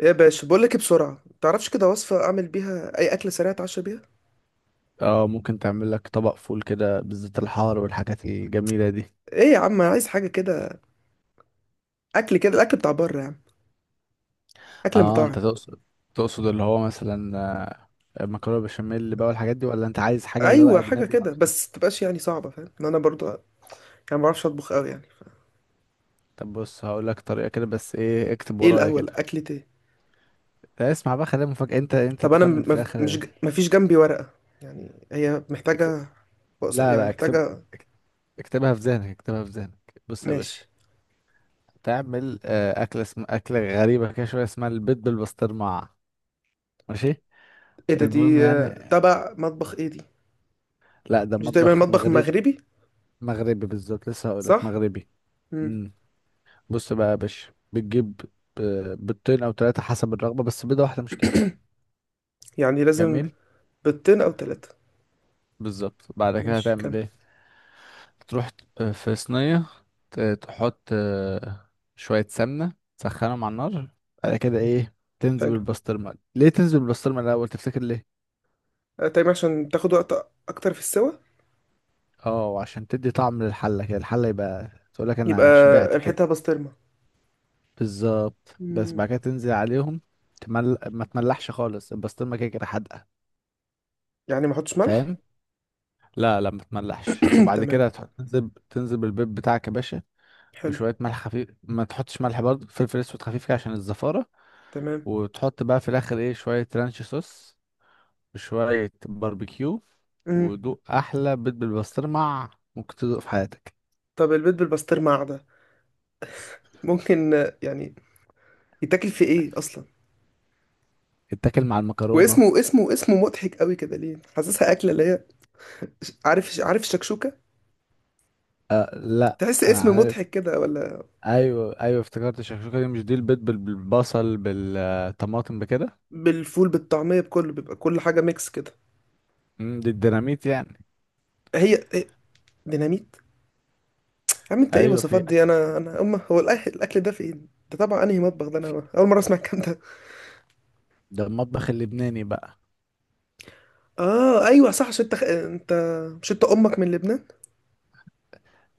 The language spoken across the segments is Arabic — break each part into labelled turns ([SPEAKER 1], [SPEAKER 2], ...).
[SPEAKER 1] ايه يا باشا، بقول لك إيه؟ بسرعه، تعرفش كده وصفه اعمل بيها اي اكله سريعه اتعشى بيها؟
[SPEAKER 2] اه، ممكن تعمل لك طبق فول كده بالزيت الحار والحاجات الجميلة دي.
[SPEAKER 1] ايه يا عم، عايز حاجه كده. اكل كده، الاكل بتاع بره يعني. اكل
[SPEAKER 2] اه،
[SPEAKER 1] مطاعم.
[SPEAKER 2] انت تقصد اللي هو مثلا مكرونة بشاميل بقى والحاجات دي، ولا انت عايز حاجة اللي هو
[SPEAKER 1] ايوه، حاجه
[SPEAKER 2] اجنبي
[SPEAKER 1] كده،
[SPEAKER 2] اكتر؟
[SPEAKER 1] بس تبقاش يعني صعبه، فاهم ان انا برضو يعني ما بعرفش اطبخ قوي يعني.
[SPEAKER 2] طب بص، هقول لك طريقة كده، بس ايه، اكتب
[SPEAKER 1] ايه
[SPEAKER 2] ورايا
[SPEAKER 1] الاول،
[SPEAKER 2] كده.
[SPEAKER 1] اكلة ايه؟
[SPEAKER 2] لا، اسمع بقى، خليها مفاجأة، انت
[SPEAKER 1] طب انا م-
[SPEAKER 2] تخمن في
[SPEAKER 1] مف- مش
[SPEAKER 2] الاخر.
[SPEAKER 1] ج... مفيش جنبي ورقه، يعني هي
[SPEAKER 2] اكتب...
[SPEAKER 1] محتاجه،
[SPEAKER 2] لا
[SPEAKER 1] يعني
[SPEAKER 2] لا،
[SPEAKER 1] محتاجه.
[SPEAKER 2] اك- اكتبها في ذهنك، اكتبها في ذهنك. بص يا باشا،
[SPEAKER 1] ماشي.
[SPEAKER 2] تعمل أكلة غريبة كده شوية، اسمها البيض بالبسطرمة. ماشي،
[SPEAKER 1] ايه ده،
[SPEAKER 2] المهم
[SPEAKER 1] دي
[SPEAKER 2] يعني.
[SPEAKER 1] تبع مطبخ ايه دي؟
[SPEAKER 2] لا، ده
[SPEAKER 1] مش تقريبا
[SPEAKER 2] مطبخ
[SPEAKER 1] مطبخ
[SPEAKER 2] مغربي.
[SPEAKER 1] مغربي؟
[SPEAKER 2] مغربي بالظبط، لسه هقول لك
[SPEAKER 1] صح.
[SPEAKER 2] مغربي.
[SPEAKER 1] امم.
[SPEAKER 2] امم. بص بقى يا باشا، بتجيب بيضتين او ثلاثه حسب الرغبه، بس بيضه واحده مش كفايه.
[SPEAKER 1] يعني لازم.
[SPEAKER 2] جميل.
[SPEAKER 1] بيضتين او ثلاثه.
[SPEAKER 2] بالظبط، بعد كده
[SPEAKER 1] ماشي،
[SPEAKER 2] هتعمل
[SPEAKER 1] كمل.
[SPEAKER 2] ايه؟ تروح في صينيه، تحط شويه سمنه، تسخنهم على النار. بعد كده ايه؟ تنزل
[SPEAKER 1] حلو.
[SPEAKER 2] بالبسطرمه، ليه تنزل بالبسطرمه الاول تفتكر ليه؟
[SPEAKER 1] تايم، عشان تاخد وقت اكتر في السوا.
[SPEAKER 2] اه، عشان تدي طعم للحله كده، الحله يبقى تقول لك
[SPEAKER 1] يبقى
[SPEAKER 2] انا شبعت كده.
[SPEAKER 1] ريحتها بسطرمه.
[SPEAKER 2] بالظبط، بس
[SPEAKER 1] مم.
[SPEAKER 2] بعد كده تنزل عليهم. ما تملحش خالص، البسطرمة كده كده حادقة.
[SPEAKER 1] يعني ما احطش ملح؟
[SPEAKER 2] فاهم. لا لا، ما تملحش، وبعد
[SPEAKER 1] تمام.
[SPEAKER 2] كده تحط تنزل تنزل بالبيض بتاعك يا باشا.
[SPEAKER 1] حلو.
[SPEAKER 2] وشوية ملح خفيف، ما تحطش ملح برضه، فلفل اسود خفيف كده عشان الزفارة.
[SPEAKER 1] تمام.
[SPEAKER 2] وتحط بقى في الاخر ايه، شوية رانش صوص، وشوية باربيكيو.
[SPEAKER 1] مم.
[SPEAKER 2] ودوق احلى بيض بالبسطرمة ممكن تدوق في حياتك.
[SPEAKER 1] طب البيض بالبسطرمه قاعده ممكن يعني يتاكل في ايه اصلا؟
[SPEAKER 2] اتاكل مع المكرونة.
[SPEAKER 1] واسمه اسمه اسمه مضحك قوي كده، ليه حاسسها اكله اللي هي عارف الشكشوكه،
[SPEAKER 2] أه لا،
[SPEAKER 1] تحس
[SPEAKER 2] انا
[SPEAKER 1] اسم
[SPEAKER 2] عارف.
[SPEAKER 1] مضحك كده ولا؟
[SPEAKER 2] ايوه ايوه، افتكرت الشكشوكه، دي مش دي البيض بالبصل بالطماطم بكده.
[SPEAKER 1] بالفول بالطعميه بكله، بيبقى كل حاجه ميكس كده.
[SPEAKER 2] دي الديناميت يعني.
[SPEAKER 1] هي هي ديناميت. يا عم، انت ايه
[SPEAKER 2] ايوه، في
[SPEAKER 1] الوصفات دي؟
[SPEAKER 2] اكل.
[SPEAKER 1] انا هو الأكل ده فين ده؟ طبعا انهي مطبخ ده؟
[SPEAKER 2] في
[SPEAKER 1] انا اول مره اسمع الكلام ده.
[SPEAKER 2] ده المطبخ اللبناني بقى.
[SPEAKER 1] اه ايوه صح، عشان انت، مش انت امك من لبنان؟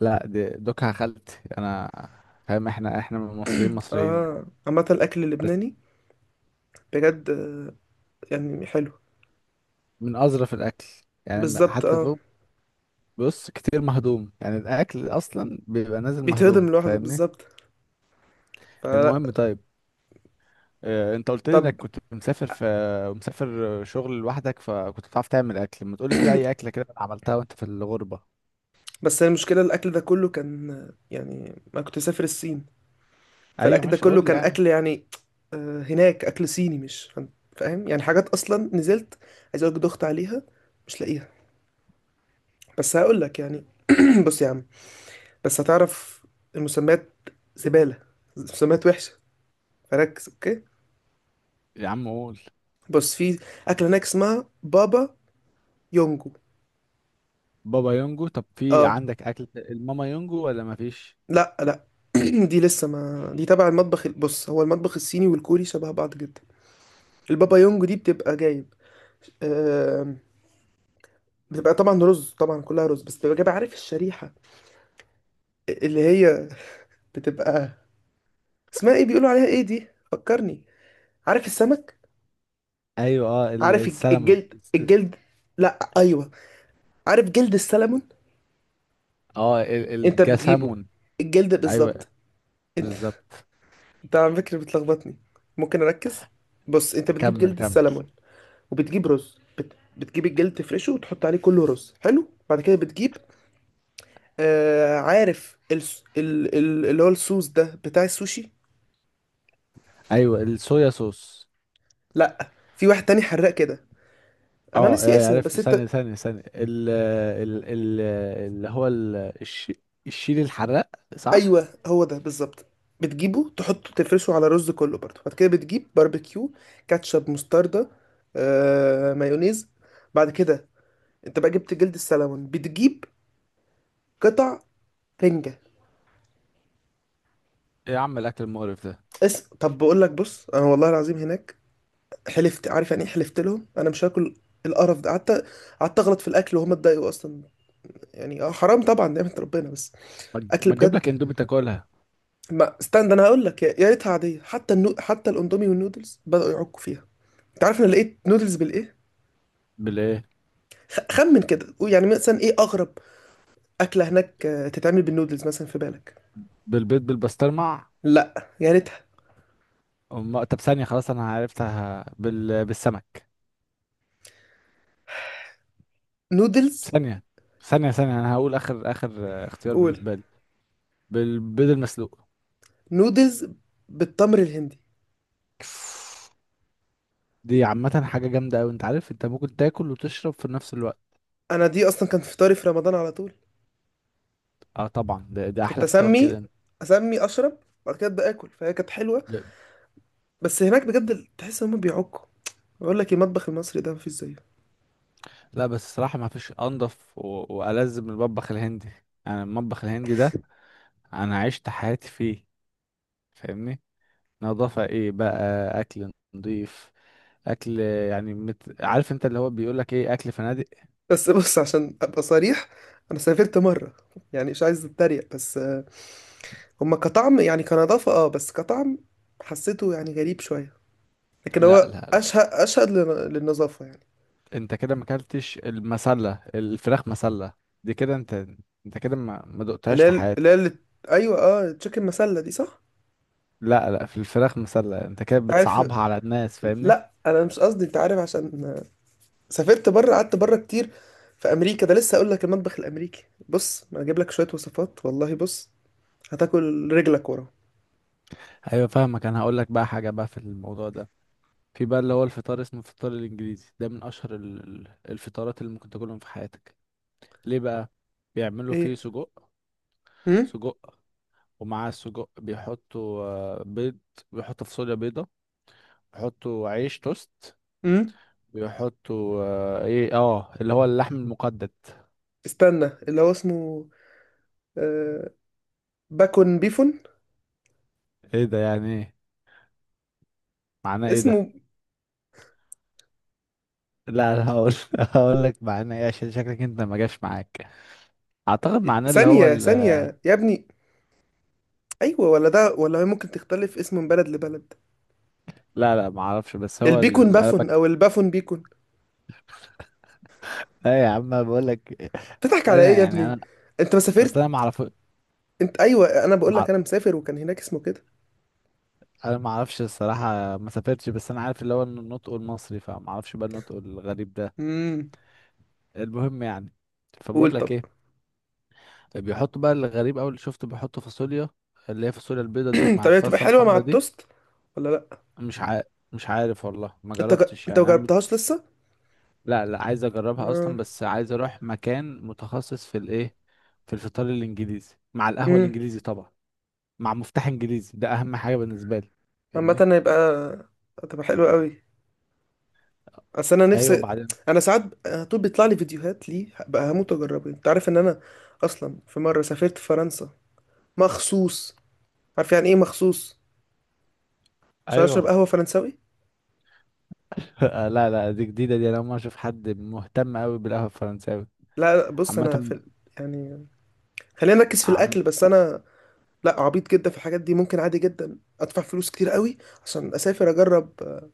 [SPEAKER 2] لا، دي دوكها خالتي انا. فاهم، احنا من المصريين، مصريين يعني،
[SPEAKER 1] اه، عامه الاكل
[SPEAKER 2] بس.
[SPEAKER 1] اللبناني بجد يعني حلو.
[SPEAKER 2] من اظرف الاكل، يعني
[SPEAKER 1] بالظبط
[SPEAKER 2] حتى
[SPEAKER 1] اه.
[SPEAKER 2] فوق. بص كتير مهضوم يعني، الاكل اصلا بيبقى نازل
[SPEAKER 1] بيتهضم
[SPEAKER 2] مهضوم،
[SPEAKER 1] لوحده
[SPEAKER 2] فاهمني.
[SPEAKER 1] بالظبط، فلا.
[SPEAKER 2] المهم طيب، انت قلت لي
[SPEAKER 1] طب
[SPEAKER 2] انك كنت مسافر شغل لوحدك، فكنت بتعرف تعمل اكل، ما تقولي كده اي اكله كده عملتها وانت في الغربه.
[SPEAKER 1] بس المشكله الاكل ده كله كان يعني ما كنت مسافر الصين.
[SPEAKER 2] ايوه
[SPEAKER 1] فالاكل ده
[SPEAKER 2] ماشي،
[SPEAKER 1] كله
[SPEAKER 2] قول لي
[SPEAKER 1] كان
[SPEAKER 2] يعني.
[SPEAKER 1] اكل يعني هناك اكل صيني، مش فاهم؟ فاهم؟ يعني حاجات اصلا نزلت، عايز اقولك دخت عليها مش لاقيها. بس هقول لك يعني بص يا عم، بس هتعرف المسميات زباله، مسميات وحشه، فركز اوكي.
[SPEAKER 2] يا عم قول.
[SPEAKER 1] بص، في أكلة هناك اسمها بابا يونجو.
[SPEAKER 2] بابا يونجو، طب في
[SPEAKER 1] اه.
[SPEAKER 2] عندك اكل الماما يونجو ولا ما فيش؟
[SPEAKER 1] لا لا. دي لسه ما دي تبع المطبخ ال- بص، هو المطبخ الصيني والكوري شبه بعض جدا. البابا يونجو دي بتبقى جايب آم، بتبقى طبعا رز، طبعا كلها رز، بس بتبقى جايب. عارف الشريحة اللي هي بتبقى اسمها ايه؟ بيقولوا عليها ايه دي؟ فكرني. عارف السمك،
[SPEAKER 2] ايوه، اه
[SPEAKER 1] عارف الج-
[SPEAKER 2] السلمون.
[SPEAKER 1] الجلد الجلد لا ايوه، عارف جلد السلمون.
[SPEAKER 2] اه
[SPEAKER 1] انت بتجيبه
[SPEAKER 2] الجسامون.
[SPEAKER 1] الجلد
[SPEAKER 2] ايوه،
[SPEAKER 1] بالظبط. انت
[SPEAKER 2] بالظبط.
[SPEAKER 1] انت على فكرة بتلخبطني، ممكن اركز. بص، انت بتجيب
[SPEAKER 2] كمل
[SPEAKER 1] جلد
[SPEAKER 2] كمل.
[SPEAKER 1] السلمون وبتجيب رز بتجيب الجلد تفرشه وتحط عليه كله رز. حلو. بعد كده بتجيب عارف اللي هو الصوص ده بتاع السوشي.
[SPEAKER 2] ايوه، الصويا صوص.
[SPEAKER 1] لا، في واحد تاني حراق كده. انا
[SPEAKER 2] اه،
[SPEAKER 1] ناسي اسمه،
[SPEAKER 2] عرفت،
[SPEAKER 1] بس انت
[SPEAKER 2] ثانيه ثانيه ثانيه، ال ال ال اللي هو الش- الشيل الحراق. صح.
[SPEAKER 1] ايوه هو ده بالظبط. بتجيبه تحطه تفرشه على الرز كله برضه. بعد كده بتجيب باربيكيو، كاتشب، مستردة، مايونيز. بعد كده انت بقى جبت جلد السلمون، بتجيب قطع رنجة.
[SPEAKER 2] إيه يا عم الاكل المقرف ده؟
[SPEAKER 1] طب بقول لك بص، انا والله العظيم هناك حلفت، عارف يعني ايه حلفت لهم، انا مش هاكل القرف ده. قعدت اغلط في الاكل، وهم اتضايقوا اصلا يعني، اه حرام طبعا نعمه ربنا، بس اكل
[SPEAKER 2] ما تجيب
[SPEAKER 1] بجد.
[SPEAKER 2] لك اندومي تاكلها؟
[SPEAKER 1] ما استنى، انا هقول لك، يا ريتها عاديه، حتى حتى الاندومي والنودلز بداوا يعكوا فيها. انت عارف انا لقيت نودلز بالايه؟
[SPEAKER 2] بالايه؟
[SPEAKER 1] خمن كده، قول يعني مثلا ايه اغرب اكله هناك تتعمل بالنودلز مثلا في بالك؟
[SPEAKER 2] بالبيض بالبسطرمه.
[SPEAKER 1] لا يا ريتها.
[SPEAKER 2] طب ثانيه، خلاص انا عرفتها بالسمك.
[SPEAKER 1] نودلز.
[SPEAKER 2] ثانية ثانية ثانية، أنا هقول آخر آخر اختيار
[SPEAKER 1] قول.
[SPEAKER 2] بالنسبة لي، بالبيض المسلوق.
[SPEAKER 1] نودلز بالتمر الهندي.
[SPEAKER 2] دي عامة حاجة جامدة أوي، أنت عارف أنت ممكن تاكل وتشرب في نفس الوقت.
[SPEAKER 1] انا دي اصلا كان فطاري في رمضان على طول.
[SPEAKER 2] أه طبعا، ده
[SPEAKER 1] كنت
[SPEAKER 2] أحلى فطار
[SPEAKER 1] اسمي
[SPEAKER 2] كده.
[SPEAKER 1] اسمي اشرب، بعد كده ابدا اكل، فهي كانت حلوه.
[SPEAKER 2] ب-
[SPEAKER 1] بس هناك بجد تحس ان هم بيعكوا، بقول لك المطبخ المصري ده مفيش زيه.
[SPEAKER 2] لا، بس الصراحة ما فيش أنضف وألذ من المطبخ الهندي. أنا المطبخ الهندي ده، أنا عشت حياتي فيه، فاهمني. نظافة إيه بقى؟ أكل نضيف، أكل يعني عارف أنت اللي هو بيقولك إيه، أكل فنادق.
[SPEAKER 1] بس بص، عشان ابقى صريح، انا سافرت مره، يعني مش عايز اتريق بس هما كطعم يعني، كنظافه اه، بس كطعم حسيته يعني غريب شويه، لكن
[SPEAKER 2] لا
[SPEAKER 1] هو
[SPEAKER 2] لا،
[SPEAKER 1] اشهد اشهد للنظافه يعني.
[SPEAKER 2] انت كده ما اكلتش المسله، الفراخ مسله دي كده، انت انت كده ما
[SPEAKER 1] اللي
[SPEAKER 2] دقتهاش
[SPEAKER 1] هي
[SPEAKER 2] في
[SPEAKER 1] اللي هي
[SPEAKER 2] حياتك.
[SPEAKER 1] اللي- ايوه، اه تشيكن مسله دي صح.
[SPEAKER 2] لا لا، في الفراخ مسله، انت كده
[SPEAKER 1] انت عارف،
[SPEAKER 2] بتصعبها على الناس فاهمني.
[SPEAKER 1] لا انا مش قصدي، انت عارف عشان سافرت بره، قعدت بره كتير. في امريكا ده لسه اقول لك، المطبخ الامريكي بص انا اجيب لك شويه وصفات والله، بص هتاكل رجلك ورا.
[SPEAKER 2] ايوه فاهمك، انا هقول لك بقى حاجه بقى في الموضوع ده. في بقى اللي هو الفطار، اسمه الفطار الانجليزي، ده من اشهر الفطارات اللي ممكن تاكلهم في حياتك. ليه بقى؟ بيعملوا فيه
[SPEAKER 1] ايه.
[SPEAKER 2] سجق.
[SPEAKER 1] امم.
[SPEAKER 2] سجق. ومعاه السجق بيحطوا بيض، بيحطوا فاصوليا بيضه، بيحطوا عيش توست،
[SPEAKER 1] امم.
[SPEAKER 2] بيحطوا ايه اه اللي هو اللحم المقدد.
[SPEAKER 1] استنى، اللي هو اسمه آه باكون بيفون.
[SPEAKER 2] ايه ده يعني ايه؟ معناه ايه ده؟
[SPEAKER 1] اسمه،
[SPEAKER 2] لا، انا هقول هقول لك معناه ايه عشان شكلك انت ما جاش معاك. اعتقد معناه اللي هو
[SPEAKER 1] ثانيه ثانيه يا ابني، ايوه ولا ده ولا ممكن تختلف اسمه من بلد لبلد؟
[SPEAKER 2] لا لا، ما اعرفش، بس هو
[SPEAKER 1] البيكون
[SPEAKER 2] انا
[SPEAKER 1] بافون
[SPEAKER 2] بك.
[SPEAKER 1] او البافون بيكون.
[SPEAKER 2] لا يا عم أنا بقول لك.
[SPEAKER 1] تضحك على
[SPEAKER 2] انا
[SPEAKER 1] ايه يا
[SPEAKER 2] يعني
[SPEAKER 1] ابني؟
[SPEAKER 2] انا،
[SPEAKER 1] انت ما
[SPEAKER 2] اصل
[SPEAKER 1] سافرت،
[SPEAKER 2] انا ما اعرف.
[SPEAKER 1] انت ايوه، انا بقول
[SPEAKER 2] مع...
[SPEAKER 1] لك انا مسافر وكان هناك اسمه كده.
[SPEAKER 2] انا ما اعرفش الصراحه، ما سافرتش، بس انا عارف اللي هو النطق المصري، فما اعرفش بقى النطق الغريب ده.
[SPEAKER 1] امم.
[SPEAKER 2] المهم يعني، فبقول
[SPEAKER 1] قول
[SPEAKER 2] لك
[SPEAKER 1] طب.
[SPEAKER 2] ايه. بيحطوا بقى الغريب، اول اللي شفته بيحطوا فاصوليا، اللي هي فاصوليا البيضه دي مع
[SPEAKER 1] طب هي تبقى
[SPEAKER 2] الصلصه
[SPEAKER 1] حلوه مع
[SPEAKER 2] الحمراء دي.
[SPEAKER 1] التوست ولا لا؟
[SPEAKER 2] مش عارف، مش عارف والله، ما
[SPEAKER 1] انت ج...
[SPEAKER 2] جربتش
[SPEAKER 1] انت
[SPEAKER 2] يعني انا.
[SPEAKER 1] مجربتهاش لسه؟
[SPEAKER 2] لا لا، عايز اجربها
[SPEAKER 1] اه.
[SPEAKER 2] اصلا، بس عايز اروح مكان متخصص في الايه، في الفطار الانجليزي مع القهوة
[SPEAKER 1] امم.
[SPEAKER 2] الانجليزي طبعا، مع مفتاح انجليزي، ده اهم حاجة بالنسبة لي
[SPEAKER 1] عامه
[SPEAKER 2] فاهمني.
[SPEAKER 1] هتبقى حلوه قوي. اصل انا
[SPEAKER 2] ايوه
[SPEAKER 1] نفسي،
[SPEAKER 2] بعدين.
[SPEAKER 1] انا ساعات على طول بيطلع لي فيديوهات، ليه بقى هموت اجربه. انت عارف ان انا اصلا في مره سافرت فرنسا مخصوص، عارف يعني ايه مخصوص؟ عشان اشرب
[SPEAKER 2] ايوه
[SPEAKER 1] قهوه فرنساوي.
[SPEAKER 2] لا لا، دي جديدة دي، انا اول مرة اشوف حد مهتم قوي بالقهوة الفرنساوي.
[SPEAKER 1] لا لا، بص انا في
[SPEAKER 2] عامة،
[SPEAKER 1] يعني خلينا نركز في
[SPEAKER 2] عم،
[SPEAKER 1] الاكل. بس انا لا عبيط جدا في الحاجات دي، ممكن عادي جدا ادفع فلوس كتير قوي عشان اسافر اجرب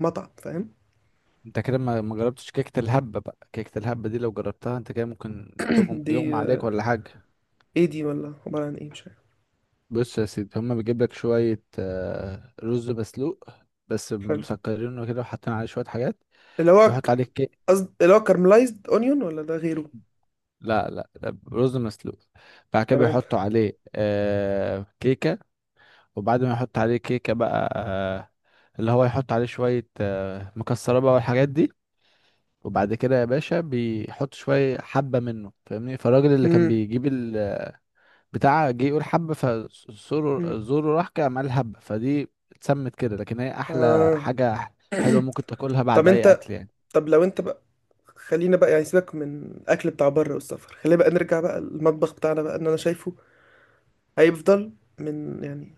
[SPEAKER 1] مطعم، فاهم؟
[SPEAKER 2] انت كده ما جربتش كيكة الهبة بقى. كيكة الهبة دي لو جربتها انت كده ممكن
[SPEAKER 1] دي
[SPEAKER 2] يغمى عليك ولا حاجة.
[SPEAKER 1] ايه دي ولا عباره عن ايه، مش عارف.
[SPEAKER 2] بص يا سيدي، هما بيجيب لك شوية رز مسلوق، بس
[SPEAKER 1] حلو.
[SPEAKER 2] مسكرينه كده وحاطين عليه شوية حاجات.
[SPEAKER 1] اللي هو
[SPEAKER 2] بيحط عليه كيك.
[SPEAKER 1] قصد اللي هو كارملايزد اونيون ولا ده غيره؟
[SPEAKER 2] لا لا، ده رز مسلوق. بعد كده
[SPEAKER 1] تمام.
[SPEAKER 2] بيحطوا عليه كيكة. وبعد ما يحط عليه كيكة بقى اللي هو يحط عليه شوية مكسرات بقى والحاجات دي. وبعد كده يا باشا بيحط شوية حبة منه فاهمني، فالراجل اللي كان
[SPEAKER 1] امم.
[SPEAKER 2] بيجيب البتاع جه يقول حبة
[SPEAKER 1] أمم.
[SPEAKER 2] فزوره زوره، راح كده عمل حبة فدي، اتسمت كده. لكن هي أحلى
[SPEAKER 1] اه،
[SPEAKER 2] حاجة حلوة ممكن تاكلها
[SPEAKER 1] طب
[SPEAKER 2] بعد أي
[SPEAKER 1] انت،
[SPEAKER 2] أكل يعني.
[SPEAKER 1] طب لو انت بقى، خلينا بقى يعني سيبك من الاكل بتاع بره والسفر، خلينا بقى نرجع بقى المطبخ بتاعنا بقى، ان انا شايفه هيفضل من يعني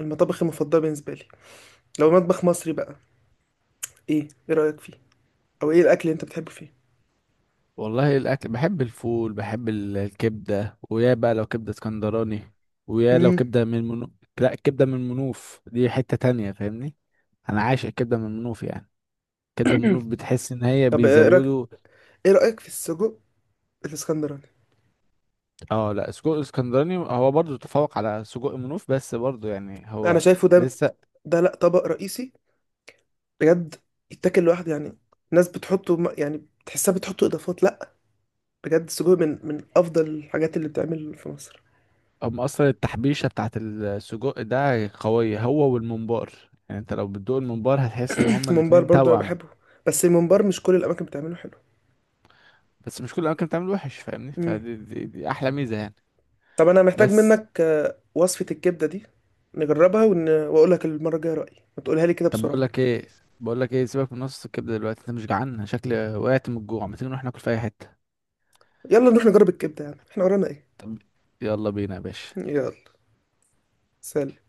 [SPEAKER 1] المطابخ المفضله بالنسبه لي. لو مطبخ مصري بقى، ايه رايك فيه؟ او ايه الاكل اللي انت بتحبه فيه؟
[SPEAKER 2] والله الاكل، بحب الفول، بحب الكبده، ويا بقى لو كبده اسكندراني، ويا لو
[SPEAKER 1] امم.
[SPEAKER 2] كبده من لا، الكبده من منوف دي حته تانية فاهمني. انا عايش الكبده من منوف يعني. كبده من منوف بتحس ان هي
[SPEAKER 1] طب ايه رايك،
[SPEAKER 2] بيزودوا.
[SPEAKER 1] ايه رايك في السجق الاسكندراني؟
[SPEAKER 2] اه لا، سجق اسكندراني هو برضو تفوق على سجق منوف، بس برضو يعني
[SPEAKER 1] انا
[SPEAKER 2] هو
[SPEAKER 1] شايفه ده،
[SPEAKER 2] لسه.
[SPEAKER 1] ده لا، طبق رئيسي بجد يتاكل لوحده يعني. ناس بتحطه يعني تحسها بتحطه اضافات، لا، بجد السجق من افضل الحاجات اللي بتعمل في مصر.
[SPEAKER 2] هم اصلا التحبيشه بتاعت السجق ده قويه، هو والممبار، يعني انت لو بتدوق الممبار هتحس ان هما
[SPEAKER 1] الممبار
[SPEAKER 2] الاتنين
[SPEAKER 1] برضو انا
[SPEAKER 2] توأم.
[SPEAKER 1] بحبه، بس الممبار مش كل الاماكن بتعمله حلو.
[SPEAKER 2] بس مش كل الاماكن بتعمل وحش فاهمني،
[SPEAKER 1] امم.
[SPEAKER 2] فدي دي, دي احلى ميزه يعني.
[SPEAKER 1] طب انا محتاج
[SPEAKER 2] بس
[SPEAKER 1] منك وصفة الكبدة دي، نجربها واقول لك المرة الجاية رأيي، ما تقولها لي كده
[SPEAKER 2] طب بقول
[SPEAKER 1] بسرعة.
[SPEAKER 2] لك ايه بقول لك ايه سيبك من نص الكبده دلوقتي، انت مش جعان؟ أنا شكلي وقعت من الجوع، ما تيجي نروح ناكل في اي حته.
[SPEAKER 1] يلا نروح نجرب الكبدة، يعني احنا ورانا ايه؟
[SPEAKER 2] طب يلا بينا يا باشا.
[SPEAKER 1] يلا. سلام.